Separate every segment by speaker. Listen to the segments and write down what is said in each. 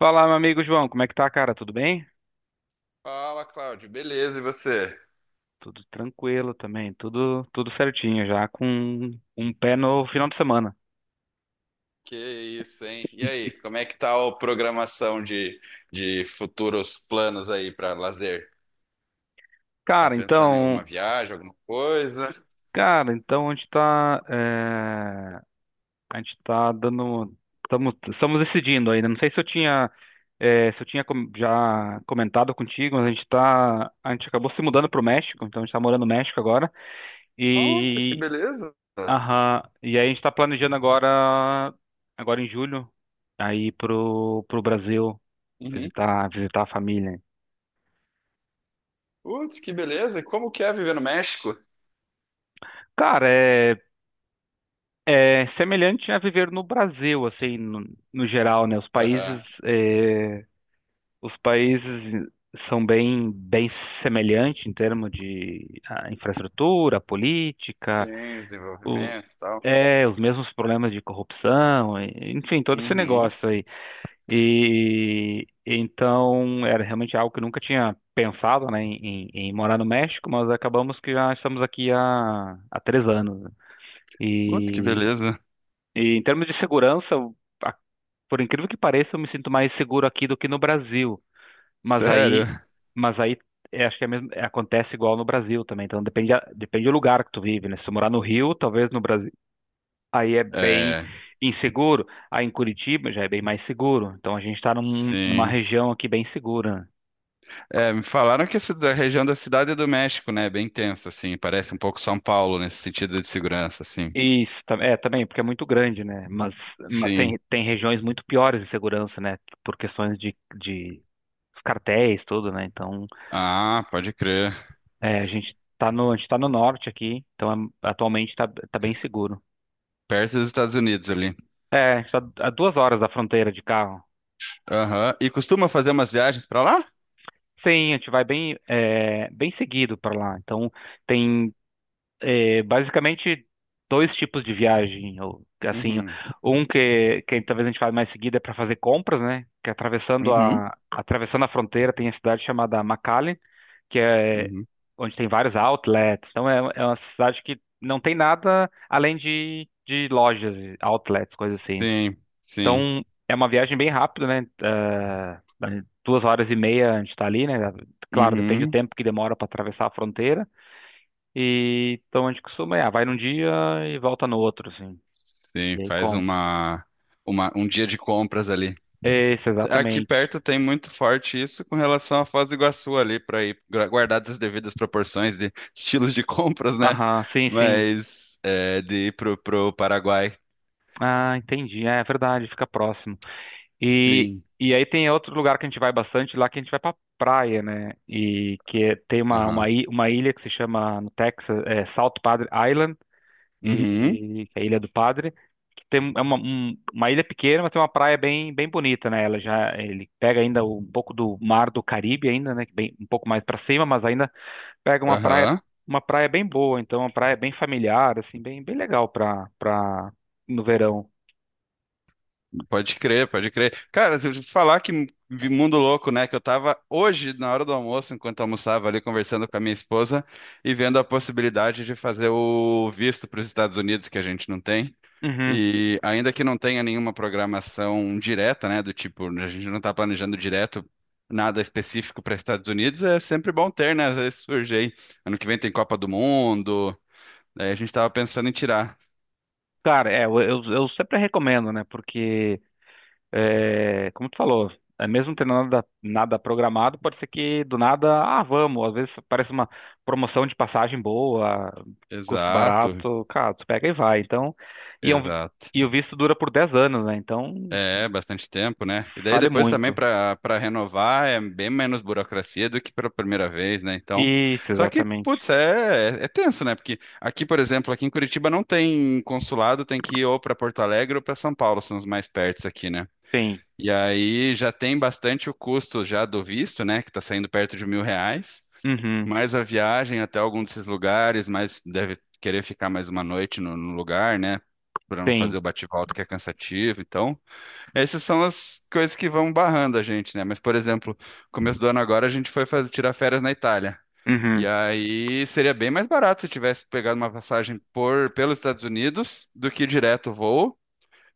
Speaker 1: Fala, meu amigo João, como é que tá, cara? Tudo bem?
Speaker 2: Fala, Cláudio. Beleza, e você?
Speaker 1: Tudo tranquilo também, tudo certinho, já com um pé no final de semana.
Speaker 2: Que isso, hein? E aí, como é que tá a programação de futuros planos aí para lazer? Tá
Speaker 1: Cara,
Speaker 2: pensando em alguma
Speaker 1: então,
Speaker 2: viagem, alguma coisa?
Speaker 1: cara, então a gente tá, a gente tá dando, estamos decidindo ainda. Não sei se eu tinha, é, Se eu tinha já comentado contigo, mas a gente acabou se mudando pro México, então a gente tá morando no México agora.
Speaker 2: Nossa, que beleza!
Speaker 1: Aham. E aí a gente tá planejando agora, agora em julho, aí pro Brasil
Speaker 2: Uhum.
Speaker 1: visitar a família.
Speaker 2: Putz, que beleza! E como que é viver no México?
Speaker 1: Cara, é semelhante a viver no Brasil, assim, no geral, né? Os países,
Speaker 2: Aham.
Speaker 1: os países são bem semelhantes em termos de infraestrutura, política,
Speaker 2: Sim,
Speaker 1: o,
Speaker 2: desenvolvimento e tal.
Speaker 1: os mesmos problemas de corrupção, enfim, todo esse
Speaker 2: Uhum.
Speaker 1: negócio. E então era realmente algo que eu nunca tinha pensado, né, em morar no México, mas acabamos que já estamos aqui há 3 anos, né.
Speaker 2: Putz, que
Speaker 1: E,
Speaker 2: beleza!
Speaker 1: e em termos de segurança, a- por incrível que pareça, eu me sinto mais seguro aqui do que no Brasil. Mas
Speaker 2: Sério?
Speaker 1: aí, mas aí acho que é mesmo, acontece igual no Brasil também. Então depende, depende do lugar que tu vive, né? Se tu morar no Rio, talvez no Brasil aí é bem
Speaker 2: É,
Speaker 1: inseguro. Aí em Curitiba já é bem mais seguro. Então a gente está numa
Speaker 2: sim.
Speaker 1: região aqui bem segura.
Speaker 2: É, me falaram que essa da região da Cidade é do México, né, é bem tensa, assim, parece um pouco São Paulo nesse sentido de segurança, assim.
Speaker 1: Isso, é também, porque é muito grande, né? Mas
Speaker 2: Sim.
Speaker 1: tem regiões muito piores de segurança, né? Por questões de os cartéis, tudo, né? Então,
Speaker 2: Ah, pode crer.
Speaker 1: a gente tá no norte aqui, então tá bem seguro.
Speaker 2: Perto dos Estados Unidos ali.
Speaker 1: É, a gente tá a 2 horas da fronteira de carro.
Speaker 2: Aham. E costuma fazer umas viagens pra lá?
Speaker 1: Sim, a gente vai bem, bem seguido para lá. Então, tem basicamente 2 tipos de viagem, ou assim,
Speaker 2: Uhum.
Speaker 1: um que talvez a gente fale mais seguida é para fazer compras, né? Que é
Speaker 2: Uhum.
Speaker 1: atravessando a fronteira tem a cidade chamada McAllen, que é
Speaker 2: Uhum.
Speaker 1: onde tem vários outlets. Então é uma cidade que não tem nada além de lojas, outlets, coisas assim.
Speaker 2: Sim, sim.
Speaker 1: Então é uma viagem bem rápida, né? 2 horas e meia a gente está ali, né? Claro, depende do
Speaker 2: Uhum.
Speaker 1: tempo que demora para atravessar a fronteira. Então a gente costuma, vai num dia e volta no outro, assim.
Speaker 2: Sim,
Speaker 1: E aí
Speaker 2: faz
Speaker 1: compra.
Speaker 2: uma, um dia de compras ali.
Speaker 1: Isso,
Speaker 2: Aqui
Speaker 1: exatamente.
Speaker 2: perto tem muito forte isso com relação à Foz do Iguaçu ali, para ir guardadas as devidas proporções de estilos de compras, né?
Speaker 1: Aham, sim, sim.
Speaker 2: Mas é, de ir pro Paraguai.
Speaker 1: Ah, entendi. É, é verdade, fica próximo. E,
Speaker 2: Sim.
Speaker 1: e aí tem outro lugar que a gente vai bastante, lá que a gente vai pra praia, né? E tem
Speaker 2: Aham.
Speaker 1: uma ilha que se chama no Texas, South Padre Island.
Speaker 2: Uhum.
Speaker 1: E que é a Ilha do Padre, que tem uma ilha pequena, mas tem uma praia bem bonita, né? Ela já ele pega ainda um pouco do mar do Caribe ainda, né? Que bem, um pouco mais para cima, mas ainda pega
Speaker 2: Aham.
Speaker 1: uma praia bem boa, então uma praia bem familiar, assim, bem legal para no verão.
Speaker 2: Pode crer, pode crer. Cara, se eu te falar que vi mundo louco, né? Que eu tava hoje, na hora do almoço, enquanto eu almoçava ali, conversando com a minha esposa e vendo a possibilidade de fazer o visto para os Estados Unidos, que a gente não tem.
Speaker 1: Uhum.
Speaker 2: E ainda que não tenha nenhuma programação direta, né, do tipo, a gente não está planejando direto nada específico para Estados Unidos, é sempre bom ter, né? Às vezes surge aí. Ano que vem tem Copa do Mundo, aí a gente estava pensando em tirar.
Speaker 1: Cara, eu sempre recomendo, né? Porque é, como tu falou, é mesmo tendo nada, nada programado, pode ser que do nada, ah, vamos. Às vezes parece uma promoção de passagem boa, custo
Speaker 2: Exato,
Speaker 1: barato, cara, tu pega e vai. Então, e, é um-
Speaker 2: exato.
Speaker 1: e o visto dura por 10 anos, né? Então,
Speaker 2: É, bastante tempo, né? E daí
Speaker 1: vale
Speaker 2: depois também
Speaker 1: muito.
Speaker 2: para renovar é bem menos burocracia do que pela primeira vez, né? Então,
Speaker 1: Isso,
Speaker 2: só que,
Speaker 1: exatamente.
Speaker 2: putz, é, é tenso, né? Porque aqui, por exemplo, aqui em Curitiba não tem consulado, tem que ir ou para Porto Alegre ou para São Paulo, são os mais pertos aqui, né?
Speaker 1: Sim.
Speaker 2: E aí já tem bastante o custo já do visto, né? Que tá saindo perto de R$ 1.000,
Speaker 1: Uhum.
Speaker 2: mais a viagem até algum desses lugares, mais deve querer ficar mais uma noite no lugar, né? Para não fazer
Speaker 1: Sim.
Speaker 2: o bate-volta que é cansativo, então. Essas são as coisas que vão barrando a gente, né? Mas, por exemplo, começo do ano agora a gente foi fazer, tirar férias na Itália. E
Speaker 1: Uhum.
Speaker 2: aí seria bem mais barato se tivesse pegado uma passagem por pelos Estados Unidos do que direto o voo.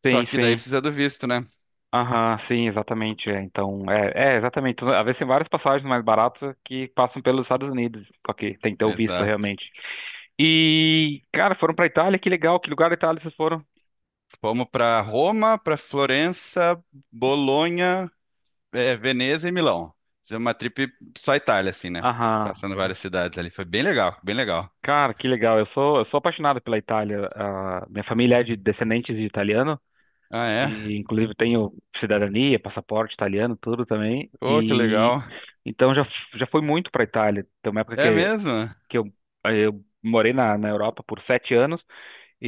Speaker 2: Só
Speaker 1: Sim,
Speaker 2: que daí
Speaker 1: sim.
Speaker 2: precisa do visto, né?
Speaker 1: Aham, sim, exatamente. É. Então, é, é, exatamente. Então, às vezes tem várias passagens mais baratas que passam pelos Estados Unidos, só que tem que ter o visto
Speaker 2: Exato.
Speaker 1: realmente. E, cara, foram pra Itália, que legal, que lugar da Itália vocês foram?
Speaker 2: Fomos para Roma, para Florença, Bolonha, Veneza e Milão. Fizemos uma trip só Itália, assim, né?
Speaker 1: Aham.
Speaker 2: Passando várias cidades ali. Foi bem legal, bem legal.
Speaker 1: Cara, que legal. Eu sou apaixonado pela Itália. Ah, minha família é de descendentes de italiano
Speaker 2: Ah, é?
Speaker 1: e inclusive tenho cidadania, passaporte italiano, tudo também.
Speaker 2: Oh, que
Speaker 1: E
Speaker 2: legal.
Speaker 1: então já fui muito para Itália. Tem uma época
Speaker 2: É
Speaker 1: que
Speaker 2: mesmo?
Speaker 1: que eu eu morei na Europa por 7 anos.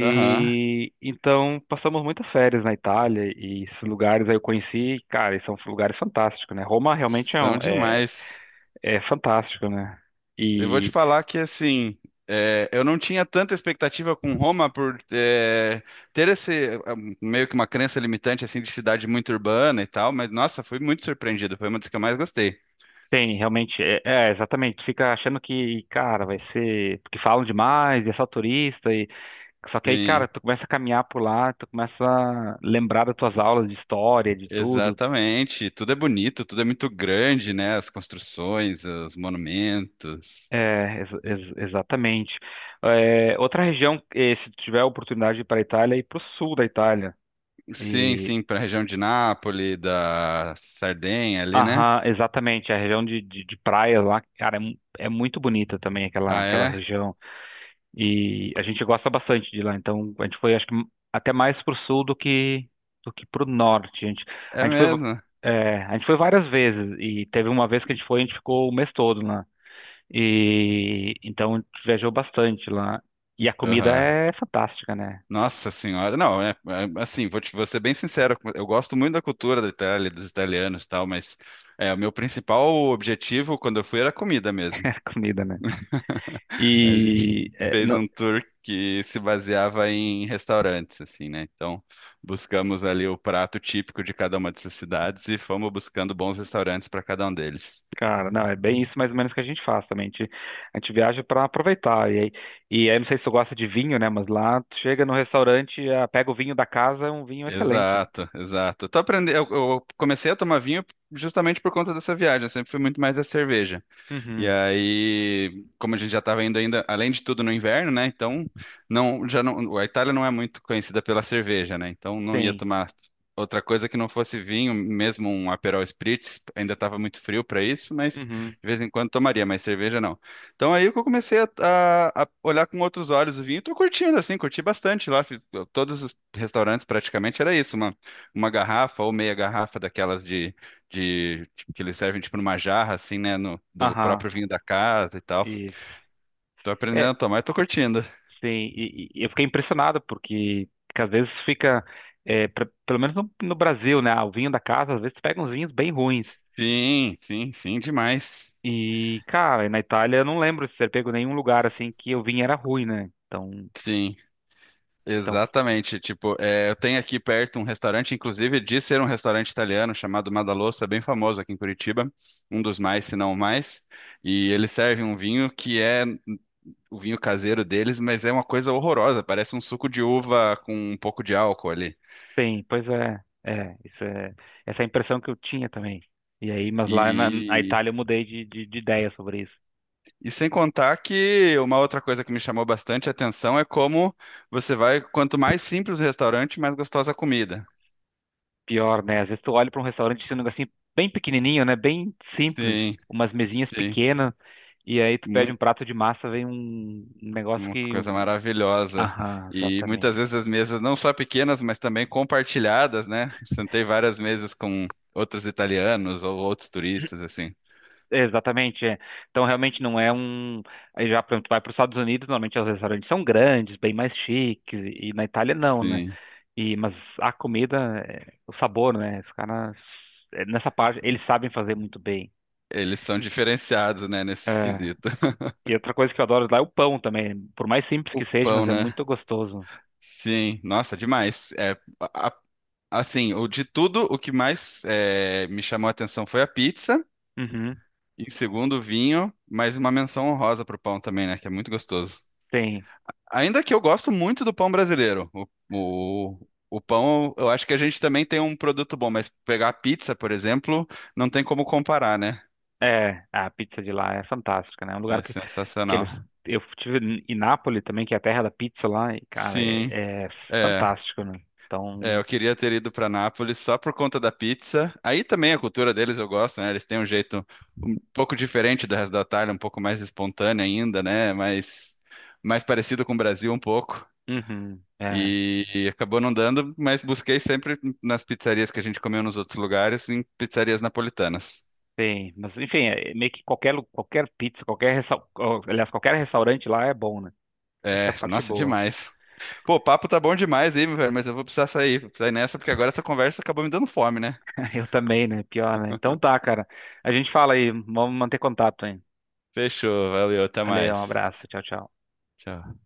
Speaker 2: Aham.
Speaker 1: então passamos muitas férias na Itália e esses lugares aí eu conheci, cara, e são lugares fantásticos, né? Roma realmente
Speaker 2: São demais.
Speaker 1: é fantástico, né?
Speaker 2: Eu vou te
Speaker 1: E
Speaker 2: falar que assim, é, eu não tinha tanta expectativa com Roma ter meio que uma crença limitante assim de cidade muito urbana e tal, mas nossa, fui muito surpreendido. Foi uma das que eu mais gostei.
Speaker 1: tem realmente, exatamente, tu fica achando que, cara, vai ser, porque falam demais, e é só turista, e só que aí, cara,
Speaker 2: Sim,
Speaker 1: tu começa a caminhar por lá, tu começa a lembrar das tuas aulas de história, de tudo.
Speaker 2: exatamente. Tudo é bonito, tudo é muito grande, né? As construções, os monumentos.
Speaker 1: Exatamente. É, outra região, se tu tiver a oportunidade de ir para a Itália, é ir para o sul da Itália.
Speaker 2: Sim,
Speaker 1: E,
Speaker 2: sim, para a região de Nápoles, da Sardenha ali, né?
Speaker 1: aham, exatamente. A região de praias lá, cara, é muito bonita também aquela,
Speaker 2: Ah,
Speaker 1: aquela
Speaker 2: é?
Speaker 1: região. E a gente gosta bastante de lá. Então, a gente foi, acho que, até mais pro sul do que pro norte.
Speaker 2: É
Speaker 1: A gente foi,
Speaker 2: mesmo.
Speaker 1: a gente foi várias vezes. E teve uma vez que a gente ficou o mês todo lá. E, então, a gente viajou bastante lá. E a comida
Speaker 2: Aham.
Speaker 1: é fantástica, né?
Speaker 2: Nossa senhora, não, assim, vou ser bem sincero, eu gosto muito da cultura da Itália, dos italianos e tal, mas é, o meu principal objetivo quando eu fui era comida mesmo.
Speaker 1: A comida, né?
Speaker 2: A gente
Speaker 1: E é,
Speaker 2: fez
Speaker 1: não-
Speaker 2: um tour que se baseava em restaurantes, assim, né? Então, buscamos ali o prato típico de cada uma dessas cidades e fomos buscando bons restaurantes para cada um deles.
Speaker 1: Cara, não, é bem isso mais ou menos que a gente faz também. A gente viaja para aproveitar. E aí, não sei se tu gosta de vinho, né? Mas lá tu chega no restaurante, ah, pega o vinho da casa, é um vinho excelente.
Speaker 2: Exato, exato. Tô aprendendo, eu comecei a tomar vinho justamente por conta dessa viagem, eu sempre fui muito mais a cerveja. E
Speaker 1: Uhum,
Speaker 2: aí, como a gente já estava indo ainda, além de tudo no inverno, né? Então, não, já não, a Itália não é muito conhecida pela cerveja, né? Então, não ia
Speaker 1: sim.
Speaker 2: tomar outra coisa que não fosse vinho, mesmo um Aperol Spritz, ainda estava muito frio para isso, mas
Speaker 1: Uhum,
Speaker 2: de vez em quando tomaria, mas cerveja não. Então, aí que eu comecei a olhar com outros olhos o vinho, e tô curtindo assim, curti bastante lá, todos os restaurantes praticamente era isso, uma garrafa ou meia garrafa daquelas de que eles servem tipo numa jarra, assim, né? No, do
Speaker 1: aham,
Speaker 2: próprio vinho da casa e tal.
Speaker 1: isso.
Speaker 2: Tô
Speaker 1: É,
Speaker 2: aprendendo a tomar e tô curtindo.
Speaker 1: sim, e eu fiquei impressionado porque às vezes fica, pelo menos no Brasil, né? Ah, o vinho da casa, às vezes tu pega uns vinhos bem ruins.
Speaker 2: Sim, sim, sim, demais.
Speaker 1: E, cara, na Itália eu não lembro de ter pego nenhum lugar assim que o vinho era ruim, né? Então.
Speaker 2: Sim,
Speaker 1: Então
Speaker 2: exatamente. Tipo, é, eu tenho aqui perto um restaurante, inclusive de ser um restaurante italiano chamado Madalosso, é bem famoso aqui em Curitiba, um dos mais, se não o mais. E eles servem um vinho que é o vinho caseiro deles, mas é uma coisa horrorosa, parece um suco de uva com um pouco de álcool ali.
Speaker 1: Pois é, essa é a impressão que eu tinha também. E aí, mas lá na
Speaker 2: E
Speaker 1: Itália eu mudei de ideia sobre isso.
Speaker 2: E sem contar que uma outra coisa que me chamou bastante atenção é como você vai, quanto mais simples o restaurante, mais gostosa a comida.
Speaker 1: Pior, né? Às vezes tu olha para um restaurante e tem um negocinho bem pequenininho, né? Bem simples,
Speaker 2: Sim,
Speaker 1: umas mesinhas
Speaker 2: sim,
Speaker 1: pequenas, e aí tu pede um
Speaker 2: muito,
Speaker 1: prato de massa, vem um negócio
Speaker 2: uma
Speaker 1: que...
Speaker 2: coisa
Speaker 1: um,
Speaker 2: maravilhosa.
Speaker 1: aham,
Speaker 2: E
Speaker 1: exatamente.
Speaker 2: muitas vezes as mesas não só pequenas, mas também compartilhadas, né? Sentei várias mesas com outros italianos ou outros turistas, assim.
Speaker 1: É, exatamente, é. Então realmente não é um. Aí já, por exemplo, tu vai para os Estados Unidos, normalmente os restaurantes são grandes, bem mais chiques, e na Itália não, né?
Speaker 2: Sim,
Speaker 1: Mas a comida, o sabor, né? Os caras, nessa parte, eles sabem fazer muito bem.
Speaker 2: eles são diferenciados, né, nesse
Speaker 1: É,
Speaker 2: quesito.
Speaker 1: e outra coisa que eu adoro lá é o pão também. Por mais simples
Speaker 2: O
Speaker 1: que seja,
Speaker 2: pão,
Speaker 1: mas é
Speaker 2: né?
Speaker 1: muito gostoso.
Speaker 2: Sim, nossa, demais. É, a Assim, o de tudo, o que mais me chamou a atenção foi a pizza.
Speaker 1: Uhum,
Speaker 2: Em segundo, o vinho, mas uma menção honrosa pro pão também, né? Que é muito gostoso.
Speaker 1: tem.
Speaker 2: Ainda que eu gosto muito do pão brasileiro. O pão, eu acho que a gente também tem um produto bom, mas pegar a pizza, por exemplo, não tem como comparar, né?
Speaker 1: É, a pizza de lá é fantástica, né? É um
Speaker 2: É
Speaker 1: lugar que
Speaker 2: sensacional.
Speaker 1: eles. Eu estive em Nápoles também, que é a terra da pizza lá, e, cara,
Speaker 2: Sim,
Speaker 1: é
Speaker 2: é.
Speaker 1: fantástico, né?
Speaker 2: É,
Speaker 1: Então,
Speaker 2: eu queria ter ido para Nápoles só por conta da pizza. Aí também a cultura deles eu gosto, né? Eles têm um jeito um pouco diferente do resto da Itália, um pouco mais espontâneo ainda, né? Mais parecido com o Brasil um pouco.
Speaker 1: uhum, é,
Speaker 2: E acabou não dando, mas busquei sempre nas pizzarias que a gente comeu nos outros lugares, em pizzarias napolitanas.
Speaker 1: tem. Mas, enfim, é meio que qualquer, qualquer pizza, aliás, qualquer restaurante lá é bom, né? Essa é a
Speaker 2: É,
Speaker 1: parte
Speaker 2: nossa,
Speaker 1: boa.
Speaker 2: demais. Pô, o papo tá bom demais aí, meu velho, mas eu vou precisar sair, vou precisar ir nessa, porque agora essa conversa acabou me dando fome, né?
Speaker 1: Eu também, né? Pior, né? Então tá, cara. A gente fala aí. Vamos manter contato, hein?
Speaker 2: Fechou, valeu, até
Speaker 1: Valeu, um
Speaker 2: mais.
Speaker 1: abraço. Tchau, tchau.
Speaker 2: Tchau.